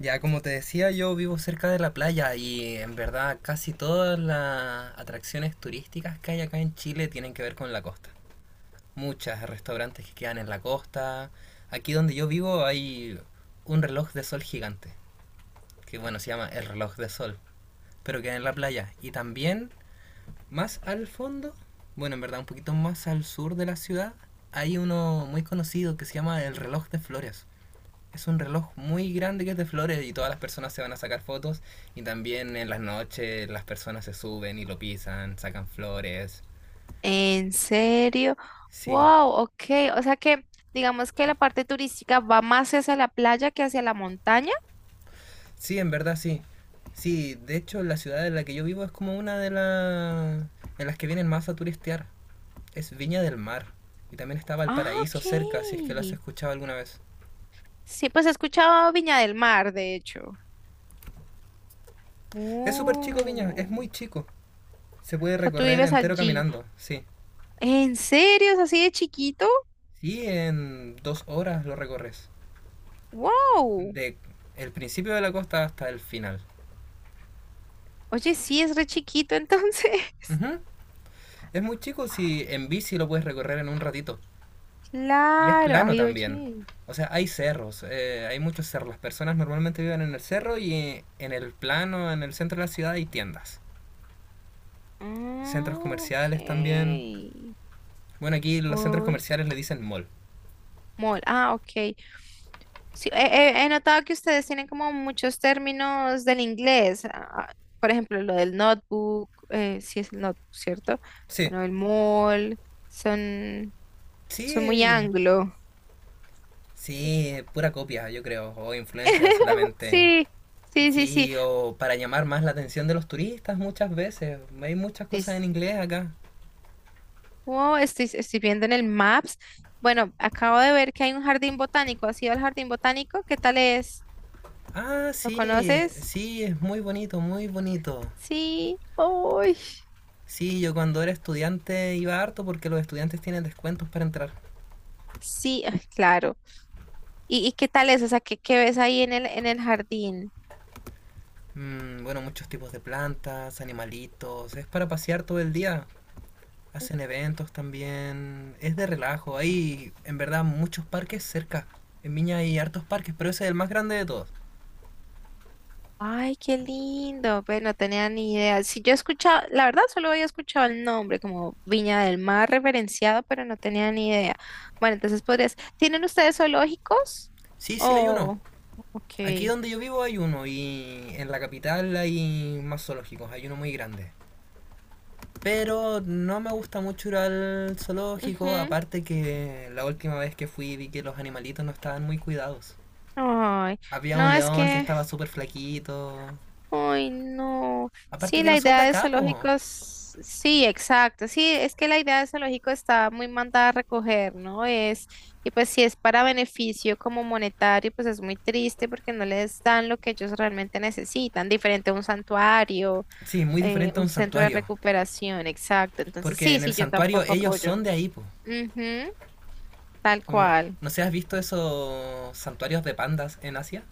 Ya, como te decía, yo vivo cerca de la playa y en verdad casi todas las atracciones turísticas que hay acá en Chile tienen que ver con la costa. Muchas restaurantes que quedan en la costa. Aquí donde yo vivo hay un reloj de sol gigante, que bueno, se llama el reloj de sol, pero queda en la playa. Y también más al fondo, bueno, en verdad un poquito más al sur de la ciudad, hay uno muy conocido que se llama el reloj de flores. Es un reloj muy grande que es de flores y todas las personas se van a sacar fotos y también en las noches las personas se suben y lo pisan, sacan flores. ¿En serio? Sí, Wow, ok. O sea que digamos que la parte turística va más hacia la playa que hacia la montaña. sí, en verdad sí. Sí, de hecho la ciudad en la que yo vivo es como una de las en las que vienen más a turistear. Es Viña del Mar. Y también estaba el Ah, ok. paraíso cerca, si es que lo has escuchado alguna vez. Sí, pues he escuchado Viña del Mar, de hecho. Es súper chico Viña, es muy Oh, o chico. Se puede sea, tú recorrer vives entero allí. caminando, sí. ¿En serio? ¿Es así de chiquito? Sí, en 2 horas lo recorres. Wow. De el principio de la costa hasta el final. Oye, sí, es re chiquito entonces. Ujú. Es muy chico, si en bici lo puedes recorrer en un ratito. Y es Claro. plano Ay, también. oye. O sea, hay cerros, hay muchos cerros. Las personas normalmente viven en el cerro y en el plano, en el centro de la ciudad hay tiendas. Centros Ah, ok. comerciales también. Bueno, aquí los centros Oye, comerciales le dicen mall. mall. Ah, ok. Sí, he notado que ustedes tienen como muchos términos del inglés. Por ejemplo, lo del notebook, sí es el notebook, ¿cierto? Sí, Bueno, el mall, son, son muy sí, anglo. sí, pura copia, yo creo. O influencia solamente. Sí, sí, sí, sí. Sí, o para llamar más la atención de los turistas muchas veces. Hay muchas cosas Dis- en inglés acá. Oh, estoy viendo en el Maps. Bueno, acabo de ver que hay un jardín botánico. ¿Has ido al jardín botánico? ¿Qué tal es? Ah, ¿Lo sí, conoces? sí, es muy bonito, muy bonito. Sí. Uy. Sí, yo cuando era estudiante iba harto porque los estudiantes tienen descuentos para entrar. Sí, ay, claro. ¿Y qué tal es? O sea, ¿qué ves ahí en el jardín? Mm, bueno, muchos tipos de plantas, animalitos, es para pasear todo el día. Hacen eventos también, es de relajo. Hay en verdad muchos parques cerca. En Viña hay hartos parques, pero ese es el más grande de todos. Ay, qué lindo. Pues no tenía ni idea. Si yo he escuchado, la verdad solo había escuchado el nombre como Viña del Mar referenciado, pero no tenía ni idea. Bueno, entonces podrías. ¿Tienen ustedes zoológicos? Sí, sí, hay uno. Oh, ok. Aquí donde yo vivo hay uno y en la capital hay más zoológicos, hay uno muy grande. Pero no me gusta mucho ir al zoológico, Ujú. aparte que la última vez que fui vi que los animalitos no estaban muy cuidados. Ay, Había un no, es león que que estaba súper flaquito. ay, no. Aparte Sí, que la no son de idea de acá, po. zoológicos, sí, exacto. Sí, es que la idea de zoológico está muy mandada a recoger, ¿no? Es, y pues si es para beneficio como monetario, pues es muy triste porque no les dan lo que ellos realmente necesitan, diferente a un santuario, Sí, muy diferente a un un centro de santuario. recuperación, exacto. Entonces, Porque sí, en el sí, yo santuario tampoco ellos apoyo. son de ahí, po. Ujú, tal Como- cual. ¿No se has visto esos santuarios de pandas en Asia?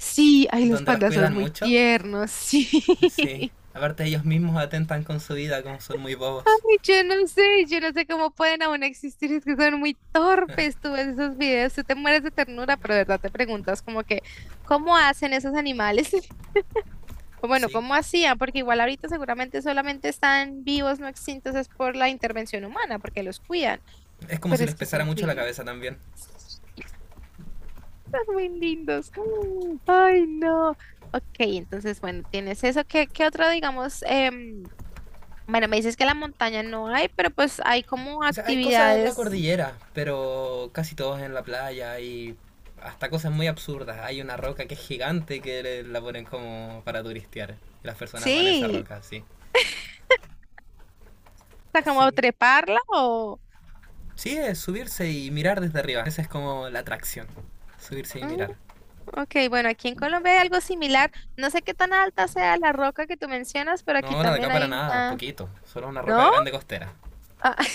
Sí, ay, los Donde los pandas son cuidan muy mucho. tiernos, sí. Sí. Aparte ellos mismos atentan con su vida, como son muy bobos. Yo no sé cómo pueden aún existir, es que son muy torpes, tú ves esos videos, tú te mueres de ternura, pero de verdad te preguntas como que, ¿cómo hacen esos animales? O bueno, Sí. ¿cómo hacían? Porque igual ahorita seguramente solamente están vivos, no extintos, es por la intervención humana, porque los cuidan, Es como si pero les es que es pesara mucho la increíble, cabeza también. son muy lindos. Ay, no. Ok, entonces, bueno, tienes eso, ¿qué otro, digamos, bueno, me dices que la montaña no hay, pero pues hay como O sea, hay cosas en la actividades. cordillera, pero casi todos en la playa y hasta cosas muy absurdas. Hay una roca que es gigante que la ponen como para turistear. Y las personas van a esa Sí, roca, sí. o sea, como Sí. treparla o… Sí, es subirse y mirar desde arriba. Esa es como la atracción. Subirse y Mm, mirar. ok, bueno, aquí en Colombia hay algo similar. No sé qué tan alta sea la roca que tú mencionas, pero aquí No, la de acá también para hay nada, una… poquito. Solo una roca ¿No? grande costera. Ah,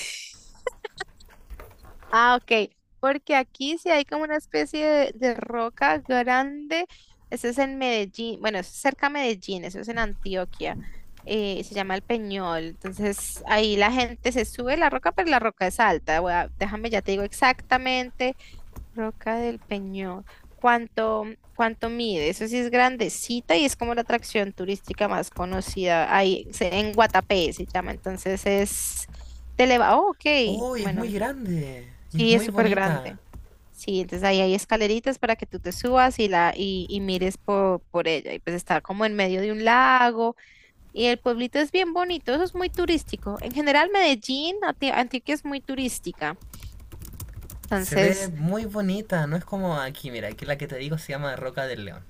ok, porque aquí sí hay como una especie de roca grande. Eso es en Medellín, bueno, eso es cerca a Medellín, eso es en Antioquia. Se llama el Peñol. Entonces ahí la gente se sube la roca, pero la roca es alta. Déjame, ya te digo exactamente. Roca del Peñón. ¿Cuánto, cuánto mide? Eso sí es grandecita y es como la atracción turística más conocida ahí en Guatapé se llama. Entonces es te eleva. Oh, ok. ¡Uy, es Bueno, muy grande! Y es sí, es muy súper bonita. grande. Sí, entonces ahí hay escaleritas para que tú te subas y mires por ella. Y pues está como en medio de un lago y el pueblito es bien bonito. Eso es muy turístico. En general, Medellín, Antioquia es muy turística. Se ve Entonces, muy bonita, no es como aquí, mira, aquí la que te digo se llama Roca del León.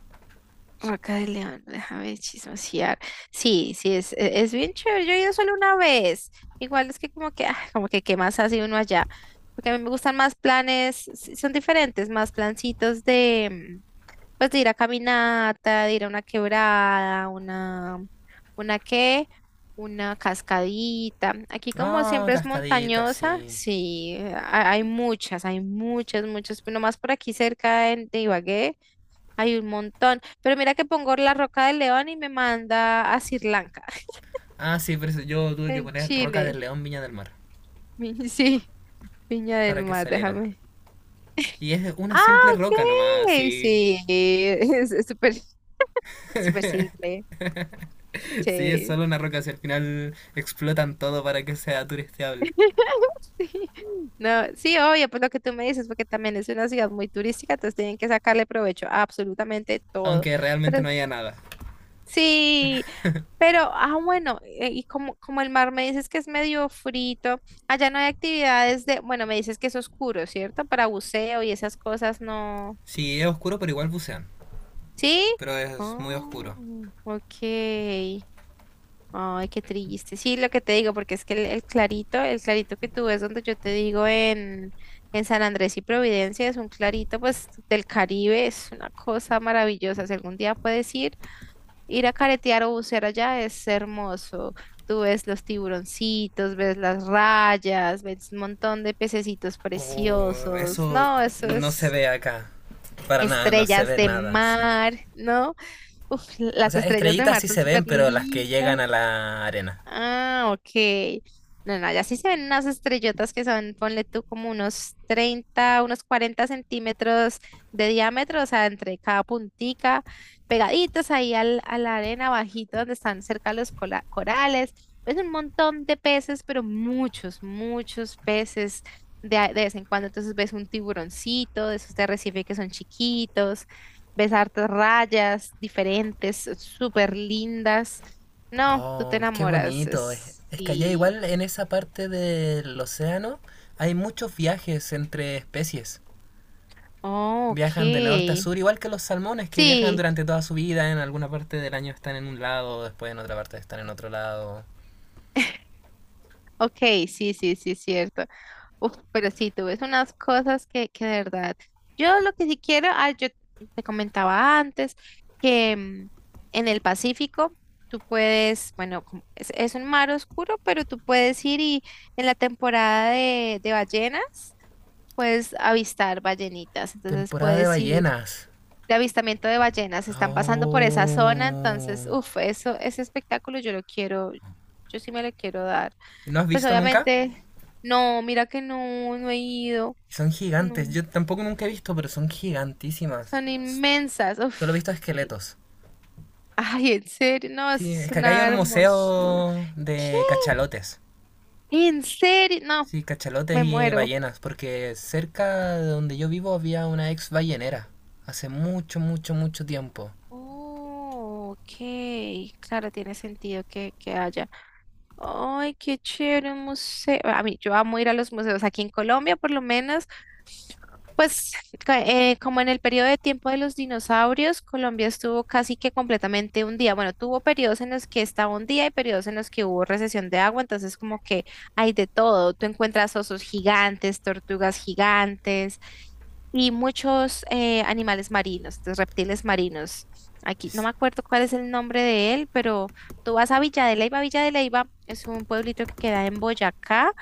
Vaca de León, déjame chismosear. Sí, sí, es bien chévere. Yo he ido solo una vez. Igual es que como que qué más hace uno allá. Porque a mí me gustan más planes, sí, son diferentes, más plancitos de, mm, pues de ir a caminata, de ir a una quebrada, una qué, una cascadita. Aquí como Ah, siempre es cascadita, montañosa, sí. sí, hay muchas, pero más por aquí cerca de Ibagué. Hay un montón. Pero mira que pongo la Roca del León y me manda a Sri Lanka, Ah, sí, pero eso yo tuve que en poner Roca Chile. del León Viña del Mar Sí, Viña para del que Mar, saliera. déjame. Y es una Ah, simple roca nomás, ok. sí. Sí, es súper, súper simple. Sí, es Sí. solo una roca, si al final explotan todo para que sea turisteable. Sí. No, sí, obvio, pues lo que tú me dices, porque también es una ciudad muy turística, entonces tienen que sacarle provecho a absolutamente todo. Aunque pero realmente no haya nada. Sí, pero, bueno, y como el mar me dices que es medio frito, allá no hay actividades de, bueno, me dices que es oscuro, ¿cierto? Para buceo y esas cosas, no. Sí, es oscuro, pero igual bucean. ¿Sí? Pero es muy oscuro. Oh, ok. Ay, qué triste. Sí, lo que te digo, porque es que el clarito que tú ves donde yo te digo en San Andrés y Providencia, es un clarito, pues, del Caribe, es una cosa maravillosa. Si algún día puedes ir. Ir a caretear o bucear allá es hermoso. Tú ves los tiburoncitos, ves las rayas, ves un montón de pececitos Oh, preciosos. eso No, eso no se es ve acá. Para nada, no se estrellas ve de nada, sí. mar, ¿no? Uf, O las sea, estrellas de estrellitas mar sí son se ven, súper pero las que llegan a lindas. la arena. Ah, ok. No, no, ya sí se ven unas estrellotas que son, ponle tú como unos 30, unos 40 centímetros de diámetro, o sea, entre cada puntica, pegaditos ahí a la arena bajito donde están cerca los corales. Pues un montón de peces, pero muchos, muchos peces de vez en cuando. Entonces ves un tiburoncito, de esos de arrecife que son chiquitos, ves hartas rayas diferentes, súper lindas. No, tú te Oh, qué enamoras. bonito. Es que allá Sí. igual en esa parte del océano hay muchos viajes entre especies. Oh, ok. Viajan de norte a sur, igual que los salmones que viajan Sí, durante toda su vida. En alguna parte del año están en un lado, después en otra parte están en otro lado. ok, sí, sí, sí, cierto. Uf, pero sí, tú ves unas cosas que de verdad. Yo lo que sí quiero, yo te comentaba antes que en el Pacífico tú puedes, bueno, como es un mar oscuro, pero tú puedes ir y en la temporada de ballenas puedes avistar ballenitas. Entonces Temporada de puedes ir. ballenas. De avistamiento de ballenas, están pasando por esa zona, Oh. entonces, uff, eso, ese espectáculo yo lo quiero, yo sí me lo quiero dar. ¿No has Pues visto nunca? obviamente, no, mira que no, no he ido, Son gigantes. no, Yo tampoco nunca he visto, pero son gigantísimas. son inmensas, Solo he uff. visto esqueletos. Ay, en serio, no, eso Sí, es es que acá hay una un hermosura. museo ¿Qué? de cachalotes. ¿En serio? No, Sí, cachalotes me y muero. ballenas, porque cerca de donde yo vivo había una ex ballenera. Hace mucho, mucho, mucho tiempo. Oh, ok, claro, tiene sentido que, haya. Ay, qué chévere un museo. A mí, yo amo ir a los museos. Aquí en Colombia, por lo menos, pues como en el periodo de tiempo de los dinosaurios, Colombia estuvo casi que completamente un día. Bueno, tuvo periodos en los que estaba un día y periodos en los que hubo recesión de agua. Entonces, como que hay de todo. Tú encuentras osos gigantes, tortugas gigantes y muchos animales marinos, entonces reptiles marinos. Aquí no me acuerdo cuál es el nombre de él, pero… Tú vas a Villa de Leyva. Villa de Leyva es un pueblito que queda en Boyacá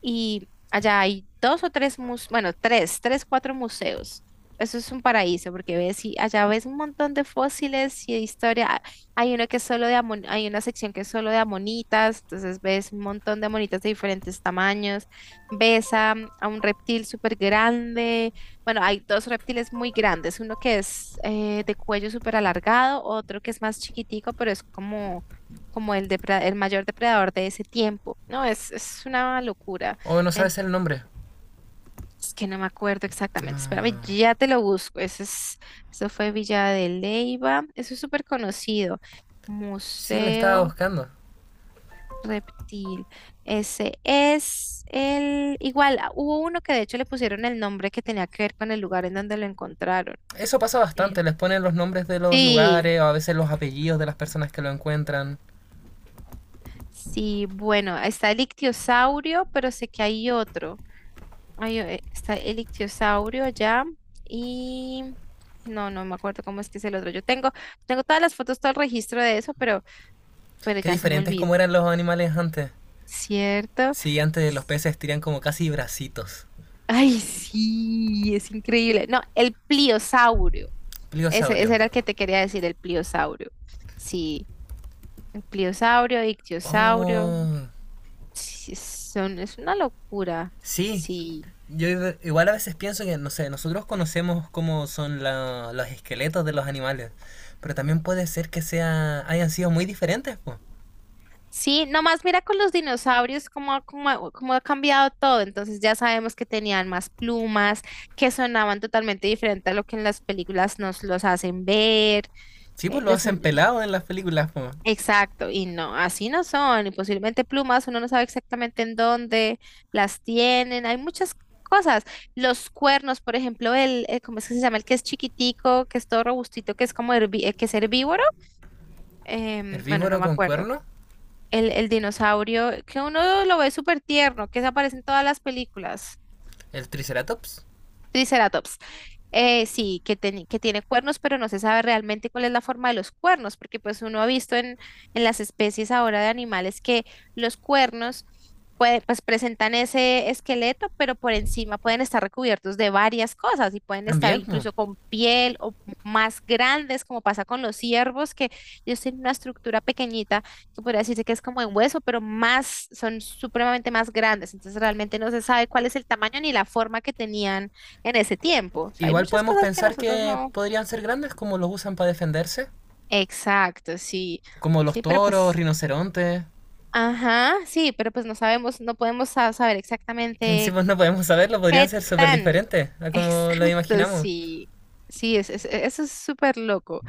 y allá hay dos o tres museos, bueno, tres, tres, cuatro museos. Eso es un paraíso porque ves y allá ves un montón de fósiles y de historia. Hay una sección que es solo de amonitas, entonces ves un montón de amonitas de diferentes tamaños. Ves a un reptil súper grande. Bueno, hay dos reptiles muy grandes, uno que es de cuello súper alargado, otro que es más chiquitico, pero es como el mayor depredador de ese tiempo. No, es una locura. O no En- sabes el nombre. es que no me acuerdo exactamente. Espérame, Ah, ya te lo busco. Eso es, eso fue Villa de Leyva. Eso es súper conocido. sí, le estaba Museo buscando. Reptil. Ese es el… Igual, hubo uno que de hecho le pusieron el nombre que tenía que ver con el lugar en donde lo encontraron. Eso pasa Eh, bastante, les ponen los nombres de los Sí, lugares o a veces los apellidos de las personas que lo encuentran. sí, bueno, está el ictiosaurio, pero sé que hay otro. Ay, está el ictiosaurio allá y no, no me acuerdo cómo es que es el otro. Yo tengo todas las fotos, todo el registro de eso, pero Qué ya se me diferentes olvidó, como eran los animales antes. ¿cierto? Sí, antes los S- peces tenían como casi bracitos. Ay, sí, es increíble. No, el pliosaurio. Ese, Pliosaurio. ese era el que te quería decir, el pliosaurio. Sí, el pliosaurio, ictiosaurio. Oh, Sí, son, es una locura. sí, Sí. yo igual a veces pienso que, no sé, nosotros conocemos cómo son los esqueletos de los animales, pero también puede ser que hayan sido muy diferentes, pues. Sí, nomás mira con los dinosaurios cómo ha cambiado todo. Entonces ya sabemos que tenían más plumas, que sonaban totalmente diferente a lo que en las películas nos los hacen ver. Sí, eh, pues lo los hacen son- pelado en las películas, po. exacto, y no, así no son. Y posiblemente plumas, uno no sabe exactamente en dónde las tienen. Hay muchas cosas. Los cuernos, por ejemplo, ¿cómo es que se llama? El que es chiquitico, que es todo robustito, que es como que es herbívoro. Bueno, no Herbívoro me con acuerdo cuerno, el, dinosaurio, que uno lo ve súper tierno, que se aparece en todas las películas. el triceratops, Triceratops. Sí, que tiene cuernos, pero no se sabe realmente cuál es la forma de los cuernos, porque pues uno ha visto en las especies ahora de animales que los cuernos pues presentan ese esqueleto, pero por encima pueden estar recubiertos de varias cosas y pueden estar también, pues. incluso con piel o más grandes, como pasa con los ciervos, que ellos tienen una estructura pequeñita que podría decirse que es como en hueso, pero más, son supremamente más grandes, entonces realmente no se sabe cuál es el tamaño ni la forma que tenían en ese tiempo. O sea, hay Igual muchas podemos cosas que pensar nosotros que no. podrían ser grandes como los usan para defenderse, Exacto, sí. como los Sí, pero toros, pues, rinocerontes. ajá, sí, pero pues no sabemos, no podemos saber En sí, exactamente pues no podemos saberlo, podrían qué ser súper tan. diferentes a como lo Exacto, imaginamos. sí. Sí, eso es súper loco.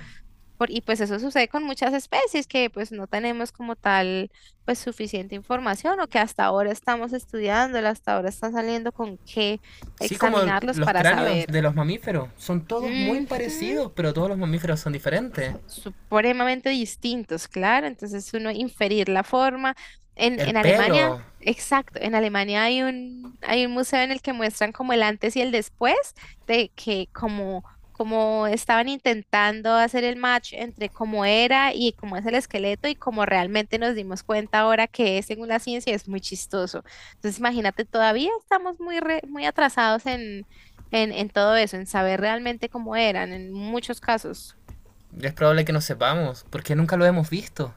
Y pues eso sucede con muchas especies que pues no tenemos como tal pues suficiente información o que hasta ahora estamos estudiando, hasta ahora están saliendo con qué Sí, como examinarlos los para cráneos saber. de los mamíferos. Son todos muy Ujú. parecidos, pero todos los mamíferos son diferentes. Son supremamente distintos, claro. Entonces uno inferir la forma. En, El en Alemania, pelo, exacto, en Alemania hay hay un museo en el que muestran como el antes y el después de que como estaban intentando hacer el match entre cómo era y cómo es el esqueleto y cómo realmente nos dimos cuenta ahora que es según la ciencia, es muy chistoso. Entonces imagínate, todavía estamos muy, muy atrasados en todo eso, en saber realmente cómo eran en muchos casos. es probable que no sepamos, porque nunca lo hemos visto.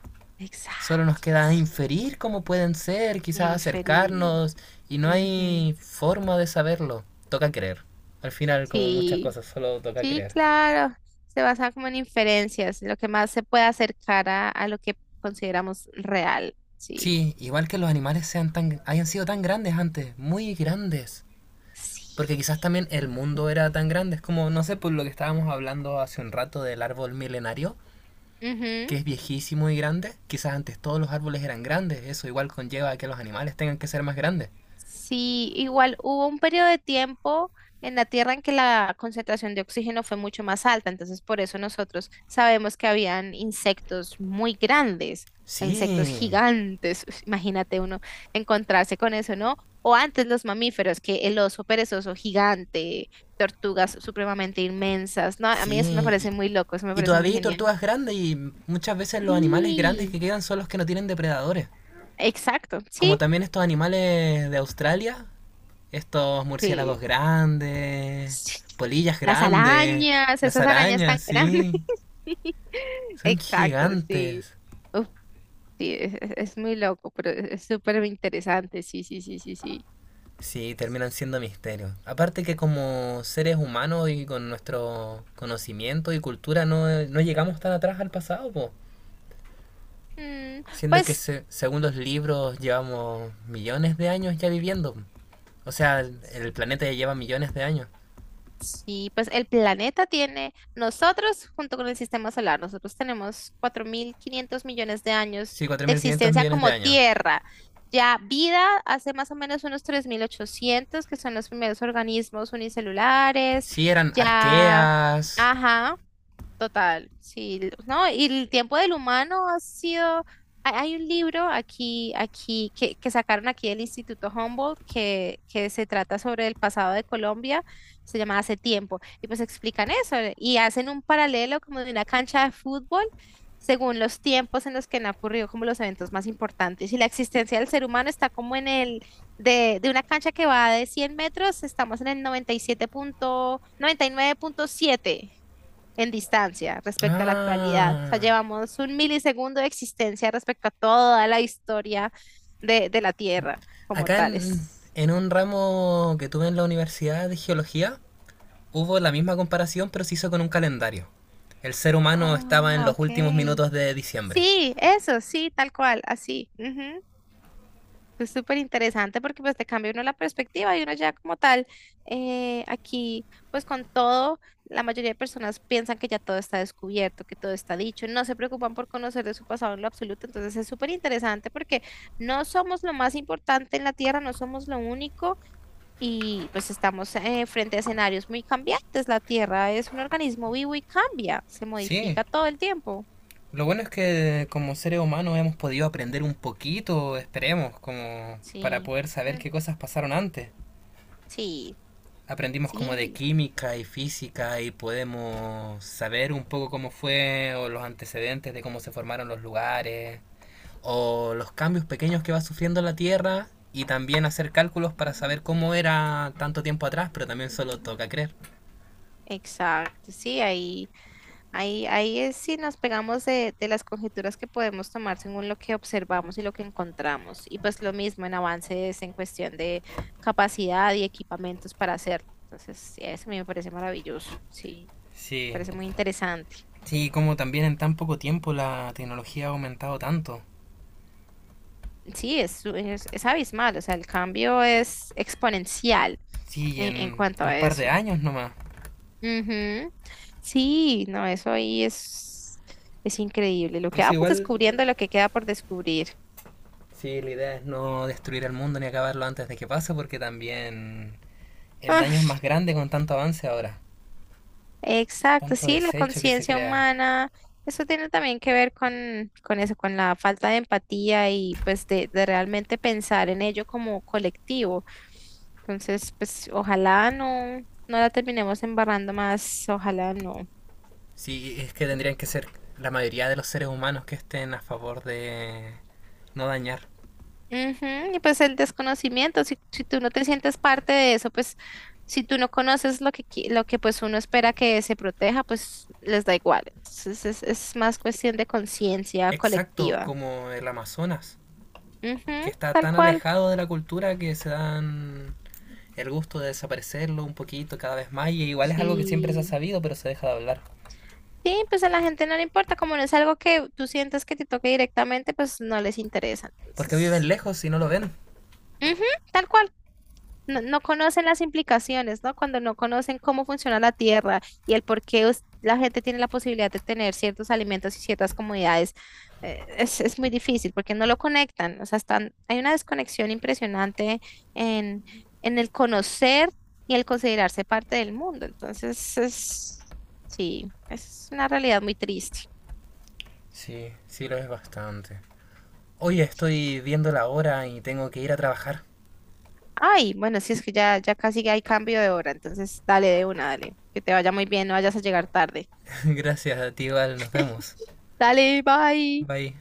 Solo nos Exacto. queda inferir cómo pueden ser, quizás Inferir. acercarnos, y no Ujú. hay forma de saberlo. Toca creer. Al final, como muchas Sí, cosas, solo toca sí, creer. claro. Se basa como en inferencias, lo que más se puede acercar a lo que consideramos real. Sí. Sí, igual que los animales sean tan, hayan sido tan grandes antes, muy grandes. Porque Sí. quizás también el mundo era tan grande, es como, no sé, por lo que estábamos hablando hace un rato del árbol milenario, que es viejísimo y grande, quizás antes todos los árboles eran grandes, eso igual conlleva que los animales tengan que ser más grandes. Sí, igual hubo un periodo de tiempo en la Tierra en que la concentración de oxígeno fue mucho más alta, entonces por eso nosotros sabemos que habían insectos muy grandes, insectos Sí, gigantes, imagínate uno encontrarse con eso, ¿no? O antes los mamíferos, que el oso perezoso gigante, tortugas supremamente inmensas, ¿no? A mí eso me sí, y, parece muy loco, eso me y parece muy todavía hay genial. tortugas grandes y muchas veces los animales grandes Sí, que quedan son los que no tienen depredadores. exacto, Como también estos animales de Australia, estos sí. murciélagos grandes, Sí. polillas Las grandes, arañas, las esas arañas tan arañas, grandes. sí, son Exacto, sí. gigantes. Uf, sí, es muy loco, pero es súper interesante. Sí, sí, sí, sí, sí. Sí, terminan siendo misterios. Aparte que como seres humanos y con nuestro conocimiento y cultura no, no llegamos tan atrás al pasado, po. Mm, Siendo que pues. Según los libros llevamos millones de años ya viviendo. O sea, el planeta ya lleva millones de años. Sí, pues el planeta tiene, nosotros junto con el sistema solar, nosotros tenemos 4.500 millones de años Sí, cuatro de mil quinientos existencia millones de como años. Tierra. Ya vida hace más o menos unos 3.800 que son los primeros organismos unicelulares. Sí, eran Ya, arqueas. ajá, total, sí, no, y el tiempo del humano ha sido, hay un libro aquí, que sacaron aquí del Instituto Humboldt, que se trata sobre el pasado de Colombia, se llama Hace tiempo, y pues explican eso, y hacen un paralelo como de una cancha de fútbol, según los tiempos en los que han ocurrido como los eventos más importantes, y la existencia del ser humano está como en el, de una cancha que va de 100 metros, estamos en el 97 punto, 99,7 en distancia respecto a la actualidad. O sea, Ah, llevamos un milisegundo de existencia respecto a toda la historia de la Tierra como acá tales. en un ramo que tuve en la universidad de geología, hubo la misma comparación, pero se hizo con un calendario. El ser humano estaba en Ah, los últimos ok. minutos de diciembre. Sí, eso, sí, tal cual, así. Ujú. Es súper interesante porque pues te cambia uno la perspectiva y uno ya como tal, aquí pues con todo, la mayoría de personas piensan que ya todo está descubierto, que todo está dicho, no se preocupan por conocer de su pasado en lo absoluto, entonces es súper interesante porque no somos lo más importante en la Tierra, no somos lo único y pues estamos frente a escenarios muy cambiantes, la Tierra es un organismo vivo y cambia, se Sí, modifica todo el tiempo. lo bueno es que como seres humanos hemos podido aprender un poquito, esperemos, como para Sí, poder saber mm, qué cosas pasaron antes. sí, Aprendimos como de sí. química y física y podemos saber un poco cómo fue o los antecedentes de cómo se formaron los lugares, o los cambios pequeños que va sufriendo la Tierra y también hacer cálculos para saber cómo era tanto tiempo atrás, pero también solo toca creer. Exacto, sí, ahí es si nos pegamos de las conjeturas que podemos tomar según lo que observamos y lo que encontramos. Y pues lo mismo en avances en cuestión de capacidad y equipamientos para hacerlo. Entonces, sí, eso a mí me parece maravilloso. Sí, Sí, parece muy interesante. sí, como también en tan poco tiempo la tecnología ha aumentado tanto. Sí, es abismal. O sea, el cambio es exponencial Sí, en en cuanto un a par eso. de años nomás. Ujú. Sí, no, eso ahí es increíble. Lo que Eso vamos igual, descubriendo, lo que queda por descubrir. sí, la idea es no destruir el mundo ni acabarlo antes de que pase, porque también el daño es Ah, más grande con tanto avance ahora, exacto, tanto sí, la desecho que se conciencia crea. humana, eso tiene también que ver con eso, con la falta de empatía y pues de realmente pensar en ello como colectivo. Entonces, pues ojalá no, no la terminemos embarrando más, ojalá no. Sí, es que tendrían que ser la mayoría de los seres humanos que estén a favor de no dañar. Ujú. Y pues el desconocimiento, si tú no te sientes parte de eso, pues si tú no conoces lo que, lo que pues uno espera que se proteja, pues les da igual. Entonces es más cuestión de conciencia Exacto, colectiva. como el Amazonas, Ujú, que está tal tan cual. alejado de la cultura que se dan el gusto de desaparecerlo un poquito cada vez más y igual es algo que siempre se ha Sí. sabido pero se deja de hablar. Sí, pues a la gente no le importa, como no es algo que tú sientas que te toque directamente, pues no les interesa. Porque viven Entonces, lejos y no lo ven. ujú, tal cual. No, no conocen las implicaciones, ¿no? Cuando no conocen cómo funciona la tierra y el por qué la gente tiene la posibilidad de tener ciertos alimentos y ciertas comodidades, es muy difícil porque no lo conectan. O sea, hay una desconexión impresionante en, en el conocer y el considerarse parte del mundo. Entonces, sí, es una realidad muy triste. Sí, sí lo es bastante. Oye, estoy viendo la hora y tengo que ir a trabajar. Ay, bueno, sí, es que ya casi hay cambio de hora, entonces dale de una, dale. Que te vaya muy bien, no vayas a llegar tarde. Gracias a ti, Val, nos vemos. Dale, bye. Bye.